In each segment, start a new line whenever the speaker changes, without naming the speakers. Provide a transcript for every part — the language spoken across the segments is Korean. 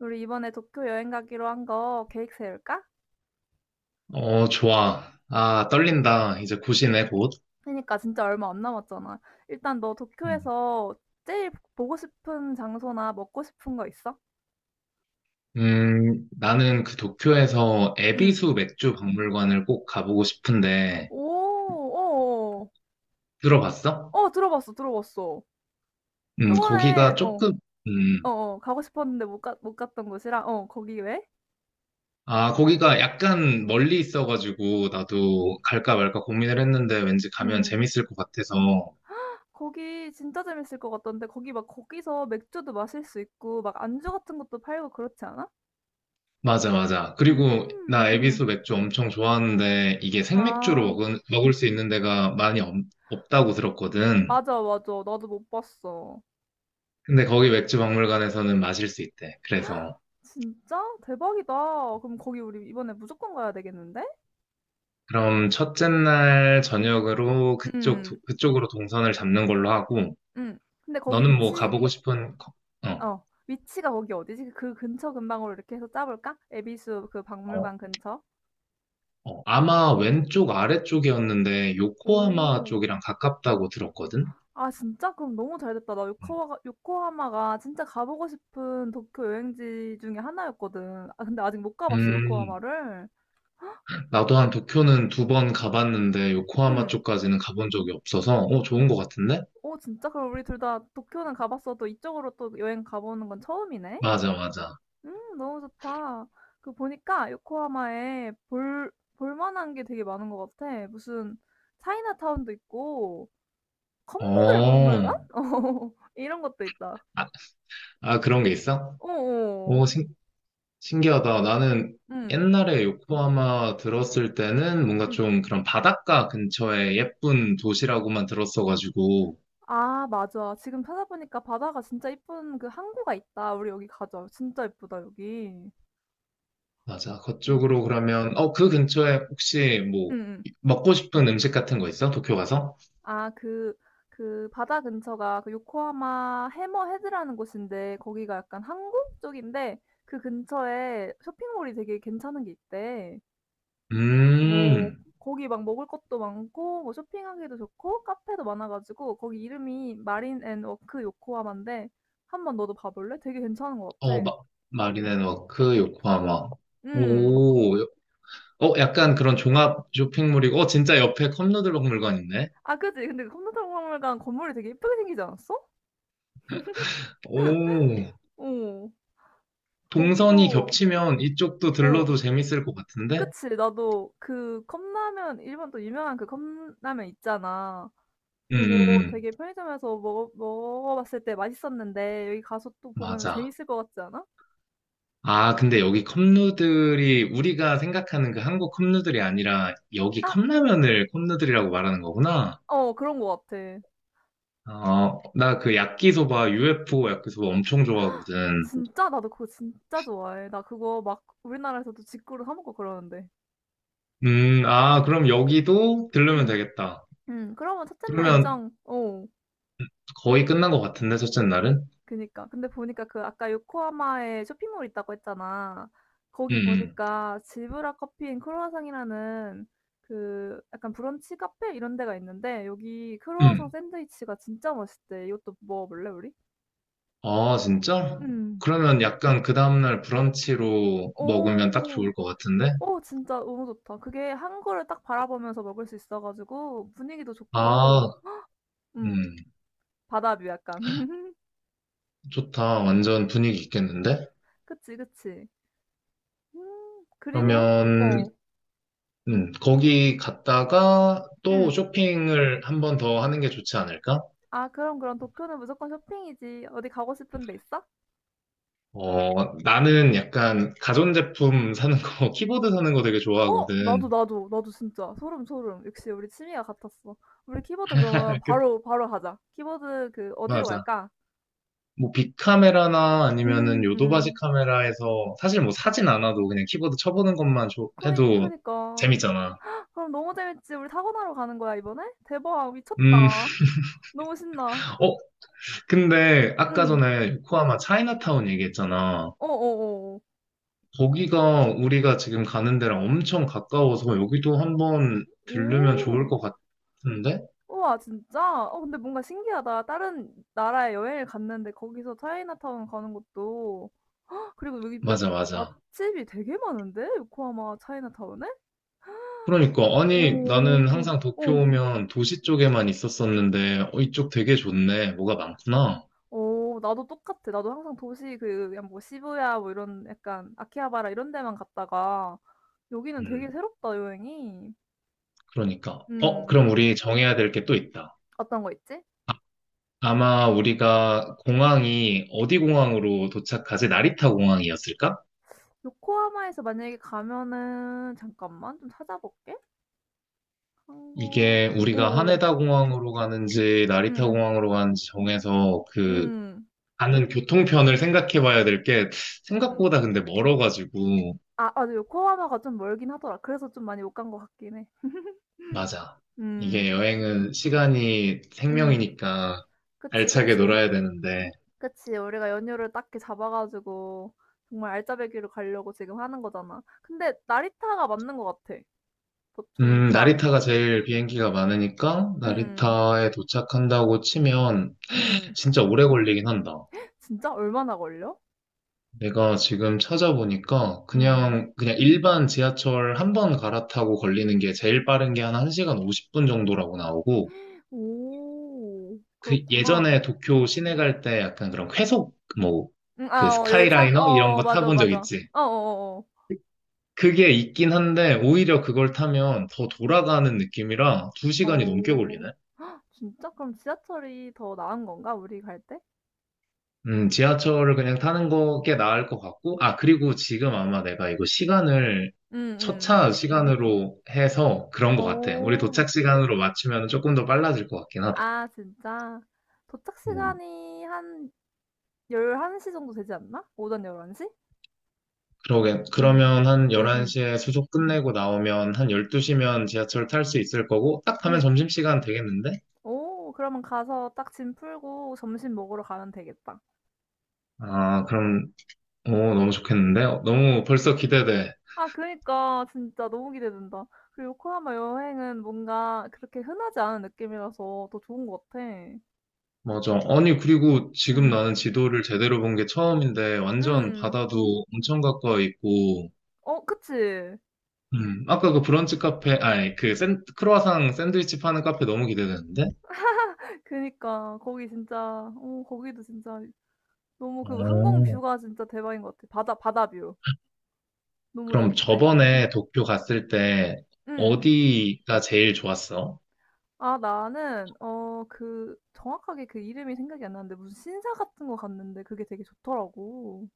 우리 이번에 도쿄 여행 가기로 한 거 계획 세울까?
어, 좋아. 아, 떨린다. 이제 곧이네, 곧.
그러니까 진짜 얼마 안 남았잖아. 일단 너
음,
도쿄에서 제일 보고 싶은 장소나 먹고 싶은 거 있어?
나는 그 도쿄에서
응.
에비수 맥주 박물관을 꼭 가보고 싶은데,
오, 어,
들어봤어?
어, 어, 들어봤어.
거기가
저번에 어,
조금, 음,
어, 어, 가고 싶었는데 못 갔던 곳이라 어, 거기 왜?
아, 거기가 약간 멀리 있어가지고, 나도 갈까 말까 고민을 했는데, 왠지 가면
응.
재밌을 것 같아서.
거기 진짜 재밌을 것 같던데, 거기 막 거기서 맥주도 마실 수 있고 막 안주 같은 것도 팔고 그렇지 않아?
맞아, 맞아. 그리고 나
응.
에비수 맥주 엄청 좋아하는데, 이게 생맥주로
아,
먹을 수 있는 데가 많이 없다고 들었거든.
맞아, 맞아. 나도 못 봤어.
근데 거기 맥주 박물관에서는 마실 수 있대. 그래서
진짜? 대박이다. 그럼 거기 우리 이번에 무조건 가야 되겠는데?
그럼 첫째 날 저녁으로
응, 응,
그쪽으로 동선을 잡는 걸로 하고
응. 근데 거기
너는 뭐
위치,
어,
어, 위치가 거기 어디지? 그 근처 근방으로 이렇게 해서 짜볼까? 에비수 그
어,
박물관 근처?
어. 아마
응.
왼쪽 아래쪽이었는데 요코하마
오,
쪽이랑 가깝다고 들었거든.
아, 진짜? 그럼 너무 잘 됐다. 나 요코하마가 진짜 가보고 싶은 도쿄 여행지 중에 하나였거든. 아, 근데 아직 못 가봤어,
음,
요코하마를.
나도 한 도쿄는 2번 가봤는데
응.
요코하마 쪽까지는 가본 적이 없어서 어, 좋은 것 같은데?
오, 진짜? 그럼 우리 둘 다 도쿄는 가봤어도 이쪽으로 또 여행 가보는 건 처음이네?
맞아, 맞아.
너무 좋다. 그 보니까 요코하마에 볼만한 게 되게 많은 것 같아. 무슨 차이나타운도 있고, 컵누들
어,
박물관? 어, 이런 것도 있다.
아, 아, 그런 게 있어?
어어,
오, 신기하다. 나는
응,
옛날에 요코하마 들었을 때는 뭔가
응.
좀 그런 바닷가 근처에 예쁜 도시라고만 들었어가지고.
아, 맞아. 지금 찾아보니까 바다가 진짜 이쁜 그 항구가 있다. 우리 여기 가자. 진짜 이쁘다, 여기. 응,
맞아.
응,
그쪽으로 그러면, 어, 그 근처에 혹시 뭐,
응.
먹고 싶은 음식 같은 거 있어? 도쿄 가서?
아, 그 바다 근처가 그 요코하마 해머 헤드라는 곳인데, 거기가 약간 항구 쪽인데 그 근처에 쇼핑몰이 되게 괜찮은 게 있대. 오,
음,
거기 막 먹을 것도 많고 뭐 쇼핑하기도 좋고 카페도 많아가지고, 거기 이름이 마린 앤 워크 요코하마인데 한번 너도 봐볼래? 되게 괜찮은 것
어,
같아.
마, 마린앤워크, 요코하마.
음.
오, 어, 약간 그런 종합 쇼핑몰이고, 어, 진짜 옆에 컵누들목 물건 있네.
아, 그치. 근데 그 컴퓨터 박물관 건물이 되게 예쁘게 생기지 않았어?
오,
어.
동선이
거기도
겹치면 이쪽도
어.
들러도 재밌을 것 같은데?
그치. 나도 그 컵라면, 일본 또 유명한 그 컵라면 있잖아.
음,
그거
음, 음.
되게 편의점에서 먹어봤을 때 맛있었는데, 여기 가서 또 보면
맞아.
재밌을 것 같지 않아?
아, 근데 여기 컵누들이 우리가 생각하는 그 한국 컵누들이 아니라 여기
아,
컵라면을 컵누들이라고 말하는 거구나.
어, 그런 것 같아.
어, 나 그 야끼소바, UFO 야끼소바 엄청 좋아하거든.
진짜 나도 그거 진짜 좋아해. 나 그거 막 우리나라에서도 직구로 사 먹고 그러는데.
아, 그럼 여기도 들르면
응,
되겠다.
응. 그러면 첫째 날
그러면
일정. 어.
거의 끝난 것 같은데, 첫째 날은?
그니까. 근데 보니까 그 아까 요코하마에 쇼핑몰 있다고 했잖아.
응,
거기
응,
보니까 질브라 커피 앤 크루아상이라는 그 약간 브런치 카페 이런 데가 있는데, 여기 크루아상
응.
샌드위치가 진짜 맛있대. 이것도 먹어볼래, 우리?
아, 진짜?
음.
그러면 약간 그 다음날 브런치로 먹으면 딱
오,
좋을 것 같은데?
오, 진짜 너무 좋다. 그게 한 거를 딱 바라보면서 먹을 수 있어가지고 분위기도 좋고,
아,
음,
음,
바다뷰 약간.
좋다. 완전 분위기 있겠는데?
그치, 그치. 그리고,
그러면
어,
거기 갔다가 또
응.
쇼핑을 한번 더 하는 게 좋지 않을까?
아, 그럼 도쿄는 무조건 쇼핑이지. 어디 가고 싶은 데 있어?
어, 나는 약간 가전제품 사는 거, 키보드 사는 거 되게
어? 나도
좋아하거든.
나도 나도 진짜 소름 소름. 역시 우리 취미가 같았어. 우리 키보드 그러면 바로 바로 가자. 키보드 그 어디로
맞아.
갈까?
뭐 빅카메라나 아니면은 요도바지
음.
카메라에서 사실 뭐 사진 않아도 그냥 키보드 쳐보는 것만
그니
해도
그니까.
재밌잖아.
그럼 너무 재밌지. 우리 타고나러 가는 거야 이번에? 대박
음,
미쳤다. 너무 신나.
어, 근데 아까
응.
전에 요코하마 차이나타운 얘기했잖아.
어어어.
거기가 우리가 지금 가는 데랑 엄청 가까워서 여기도 한번 들르면 좋을
오.
것 같은데?
우와 진짜? 어, 근데 뭔가 신기하다. 다른 나라에 여행을 갔는데 거기서 차이나타운 가는 것도, 그리고 여기 몇
맞아, 맞아.
맛집이 되게 많은데? 요코하마 차이나타운에?
그러니까, 아니, 나는
오,
항상 도쿄
어.
오면 도시 쪽에만 있었었는데, 어, 이쪽 되게 좋네. 뭐가 많구나.
어, 나도 똑같아. 나도 항상 도시 그 그냥 뭐 시부야 뭐 이런 약간 아키하바라 이런 데만 갔다가, 여기는 되게
음,
새롭다, 여행이.
그러니까. 어,
음,
그럼 우리 정해야 될 게 또 있다.
어떤 거 있지?
아마 우리가 공항이 어디 공항으로 도착하지? 나리타 공항이었을까?
요코하마에서 만약에 가면은 잠깐만 좀 찾아볼게. 한국.
이게
어,
우리가
어,
하네다 공항으로 가는지
음,
나리타
음,
공항으로 가는지 정해서 그
음,
가는 교통편을 생각해 봐야 될 게
음.
생각보다 근데 멀어가지고
아, 맞아. 요코하마가 좀 멀긴 하더라. 그래서 좀 많이 못 간 것 같긴 해.
맞아. 이게
음,
여행은 시간이
음.
생명이니까
그치,
알차게
그치.
놀아야 되는데
그치, 우리가 연휴를 딱히 잡아가지고 정말 알짜배기로 가려고 지금 하는 거잖아. 근데 나리타가 맞는 것 같아. 보니까.
나리타가 제일 비행기가 많으니까
음,
나리타에 도착한다고 치면
음.
진짜 오래 걸리긴 한다.
진짜 얼마나 걸려?
내가 지금 찾아보니까
음.
그냥 일반 지하철 한번 갈아타고 걸리는 게 제일 빠른 게 한 1시간 50분 정도라고 나오고
오,
그
그렇구나.
예전에 도쿄 시내 갈 때 약간 그런 회속 뭐
아,
그
어, 열차? 어,
스카이라이너 이런
어,
거
맞아,
타본 적
맞아.
있지?
어, 어,
그게 있긴 한데 오히려 그걸 타면 더 돌아가는 느낌이라 두
어.
시간이 넘게
어,
걸리네.
어. 진짜? 그럼 지하철이 더 나은 건가? 우리 갈 때?
지하철을 그냥 타는 거 꽤 나을 것 같고, 아, 그리고 지금 아마 내가 이거 시간을
음,
첫차 시간으로 해서 그런 것 같아. 우리
오,
도착 시간으로 맞추면 조금 더 빨라질 것 같긴 하다.
아, 진짜. 도착 시간이 한 11시 정도 되지 않나? 오전 1 1시
그러게.
응
그러면 한
응응
11시에 수속 끝내고 나오면 한 12시면 지하철 탈 수 있을 거고, 딱
응
하면
응.
점심시간 되겠는데?
오, 그러면 가서 딱 짐 풀고 점심 먹으러 가면 되겠다.
아, 그럼, 오, 너무 좋겠는데? 어, 너무 벌써 기대돼.
아, 그니까 진짜 너무 기대된다. 그리고 요코하마 여행은 뭔가 그렇게 흔하지 않은 느낌이라서 더 좋은 것 같아.
맞아. 아니, 그리고 지금 나는
응,
지도를 제대로 본 게 처음인데, 완전
응.
바다도 엄청 가까이 있고,
어, 그치?
아까 그 브런치 카페, 아니, 크로아상 샌드위치 파는 카페 너무 기대되는데?
그니까 거기 진짜, 어, 거기도 진짜 너무 그 항공
오.
뷰가 진짜 대박인 것 같아. 바다 뷰. 너무
그럼
좋은데?
저번에 도쿄 갔을 때
응.
어디가 제일 좋았어?
아, 나는 어 그 정확하게 그 이름이 생각이 안 나는데 무슨 신사 같은 거 갔는데 그게 되게 좋더라고.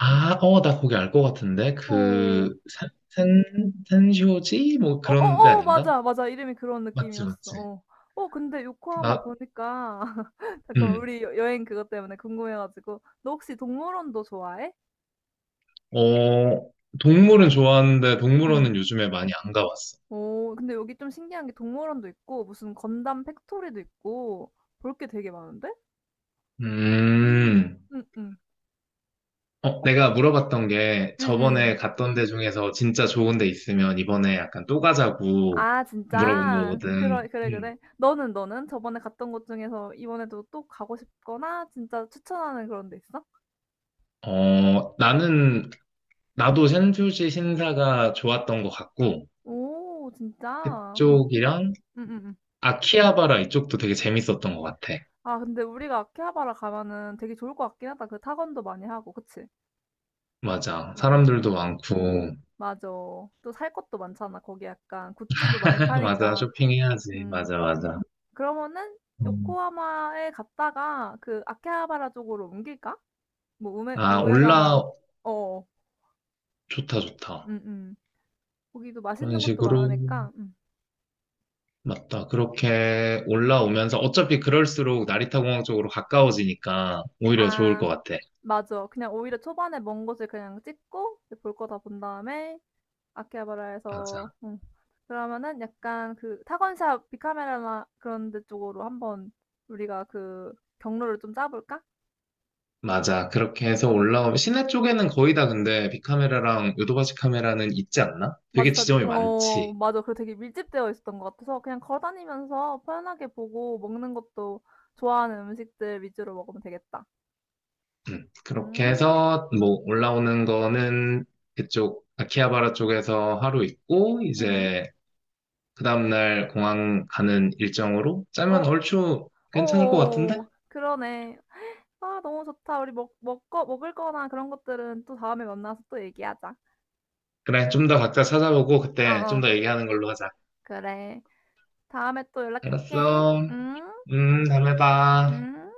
아, 어, 나 거기 알 것 같은데.
어.
그, 산쇼지? 뭐 그런 데
어어어,
아닌가?
맞아. 맞아. 이름이 그런
맞지,
느낌이었어.
맞지.
어. 어, 근데 요코하마
나,
보니까 잠깐만,
음,
우리 여행 그것 때문에 궁금해 가지고, 너 혹시 동물원도 좋아해?
어, 동물은 좋아하는데
응.
동물원은 요즘에 많이 안 가봤어.
오, 근데 여기 좀 신기한 게 동물원도 있고 무슨 건담 팩토리도 있고, 볼 게 되게 많은데? 음.
음,
응응.
어,
어,
내가 물어봤던 게
응응.
저번에 갔던 데 중에서 진짜 좋은 데 있으면 이번에 약간 또 가자고
아,
물어본
진짜? 그
거거든.
래 그래,
음.
그래. 너는, 너는? 저번에 갔던 곳 중에서 이번에도 또 가고 싶거나 진짜 추천하는 그런 데 있어?
어, 나는, 나도 샌쇼지 신사가 좋았던 것 같고,
오, 진짜?
그쪽이랑
응응응.
아키하바라 이쪽도 되게 재밌었던 것 같아.
아, 근데 우리가 아키하바라 가면은 되게 좋을 것 같긴 하다. 그 타건도 많이 하고, 그치?
맞아.
어.
사람들도 많고.
맞아. 또 살 것도 많잖아. 거기 약간 굿즈도 많이
맞아.
파니까.
쇼핑해야지.
음.
맞아, 맞아.
그러면은
음.
요코하마에 갔다가 그 아키하바라 쪽으로 옮길까? 뭐 우메
아,
우에다나 어어.
좋다, 좋다.
응, 응. 거기도
그런
맛있는 것도
식으로.
많으니까
맞다. 그렇게 올라오면서 어차피 그럴수록 나리타 공항 쪽으로 가까워지니까 오히려 좋을
아,
것 같아.
맞아. 그냥 오히려 초반에 먼 곳을 그냥 찍고 볼 거 다 본 다음에 아키하바라에서
맞아.
그러면은 약간 그 타건샵 비카메라나 그런 데 쪽으로 한번 우리가 그 경로를 좀 짜볼까?
맞아. 그렇게 해서 올라오면 시내 쪽에는 거의 다 근데 빅카메라랑 요도바시 카메라는 있지 않나? 되게
맞아, 다,
지점이
어,
많지.
맞아. 그리고 되게 밀집되어 있었던 것 같아서 그냥 걸어다니면서 편하게 보고, 먹는 것도 좋아하는 음식들 위주로 먹으면 되겠다.
그렇게
음,
해서 뭐 올라오는 거는 그쪽 아키하바라 쪽에서 하루 있고
음.
이제 그 다음날 공항 가는 일정으로 짜면
어,
얼추 괜찮을 것 같은데?
어, 그러네. 아, 너무 좋다. 우리 먹을 거나 그런 것들은 또 다음에 만나서 또 얘기하자.
그래, 좀 더 각자 찾아보고
어,
그때 좀
어.
더 얘기하는 걸로 하자.
그래. 다음에 또 연락할게.
알았어.
응?
다음에 봐.
응?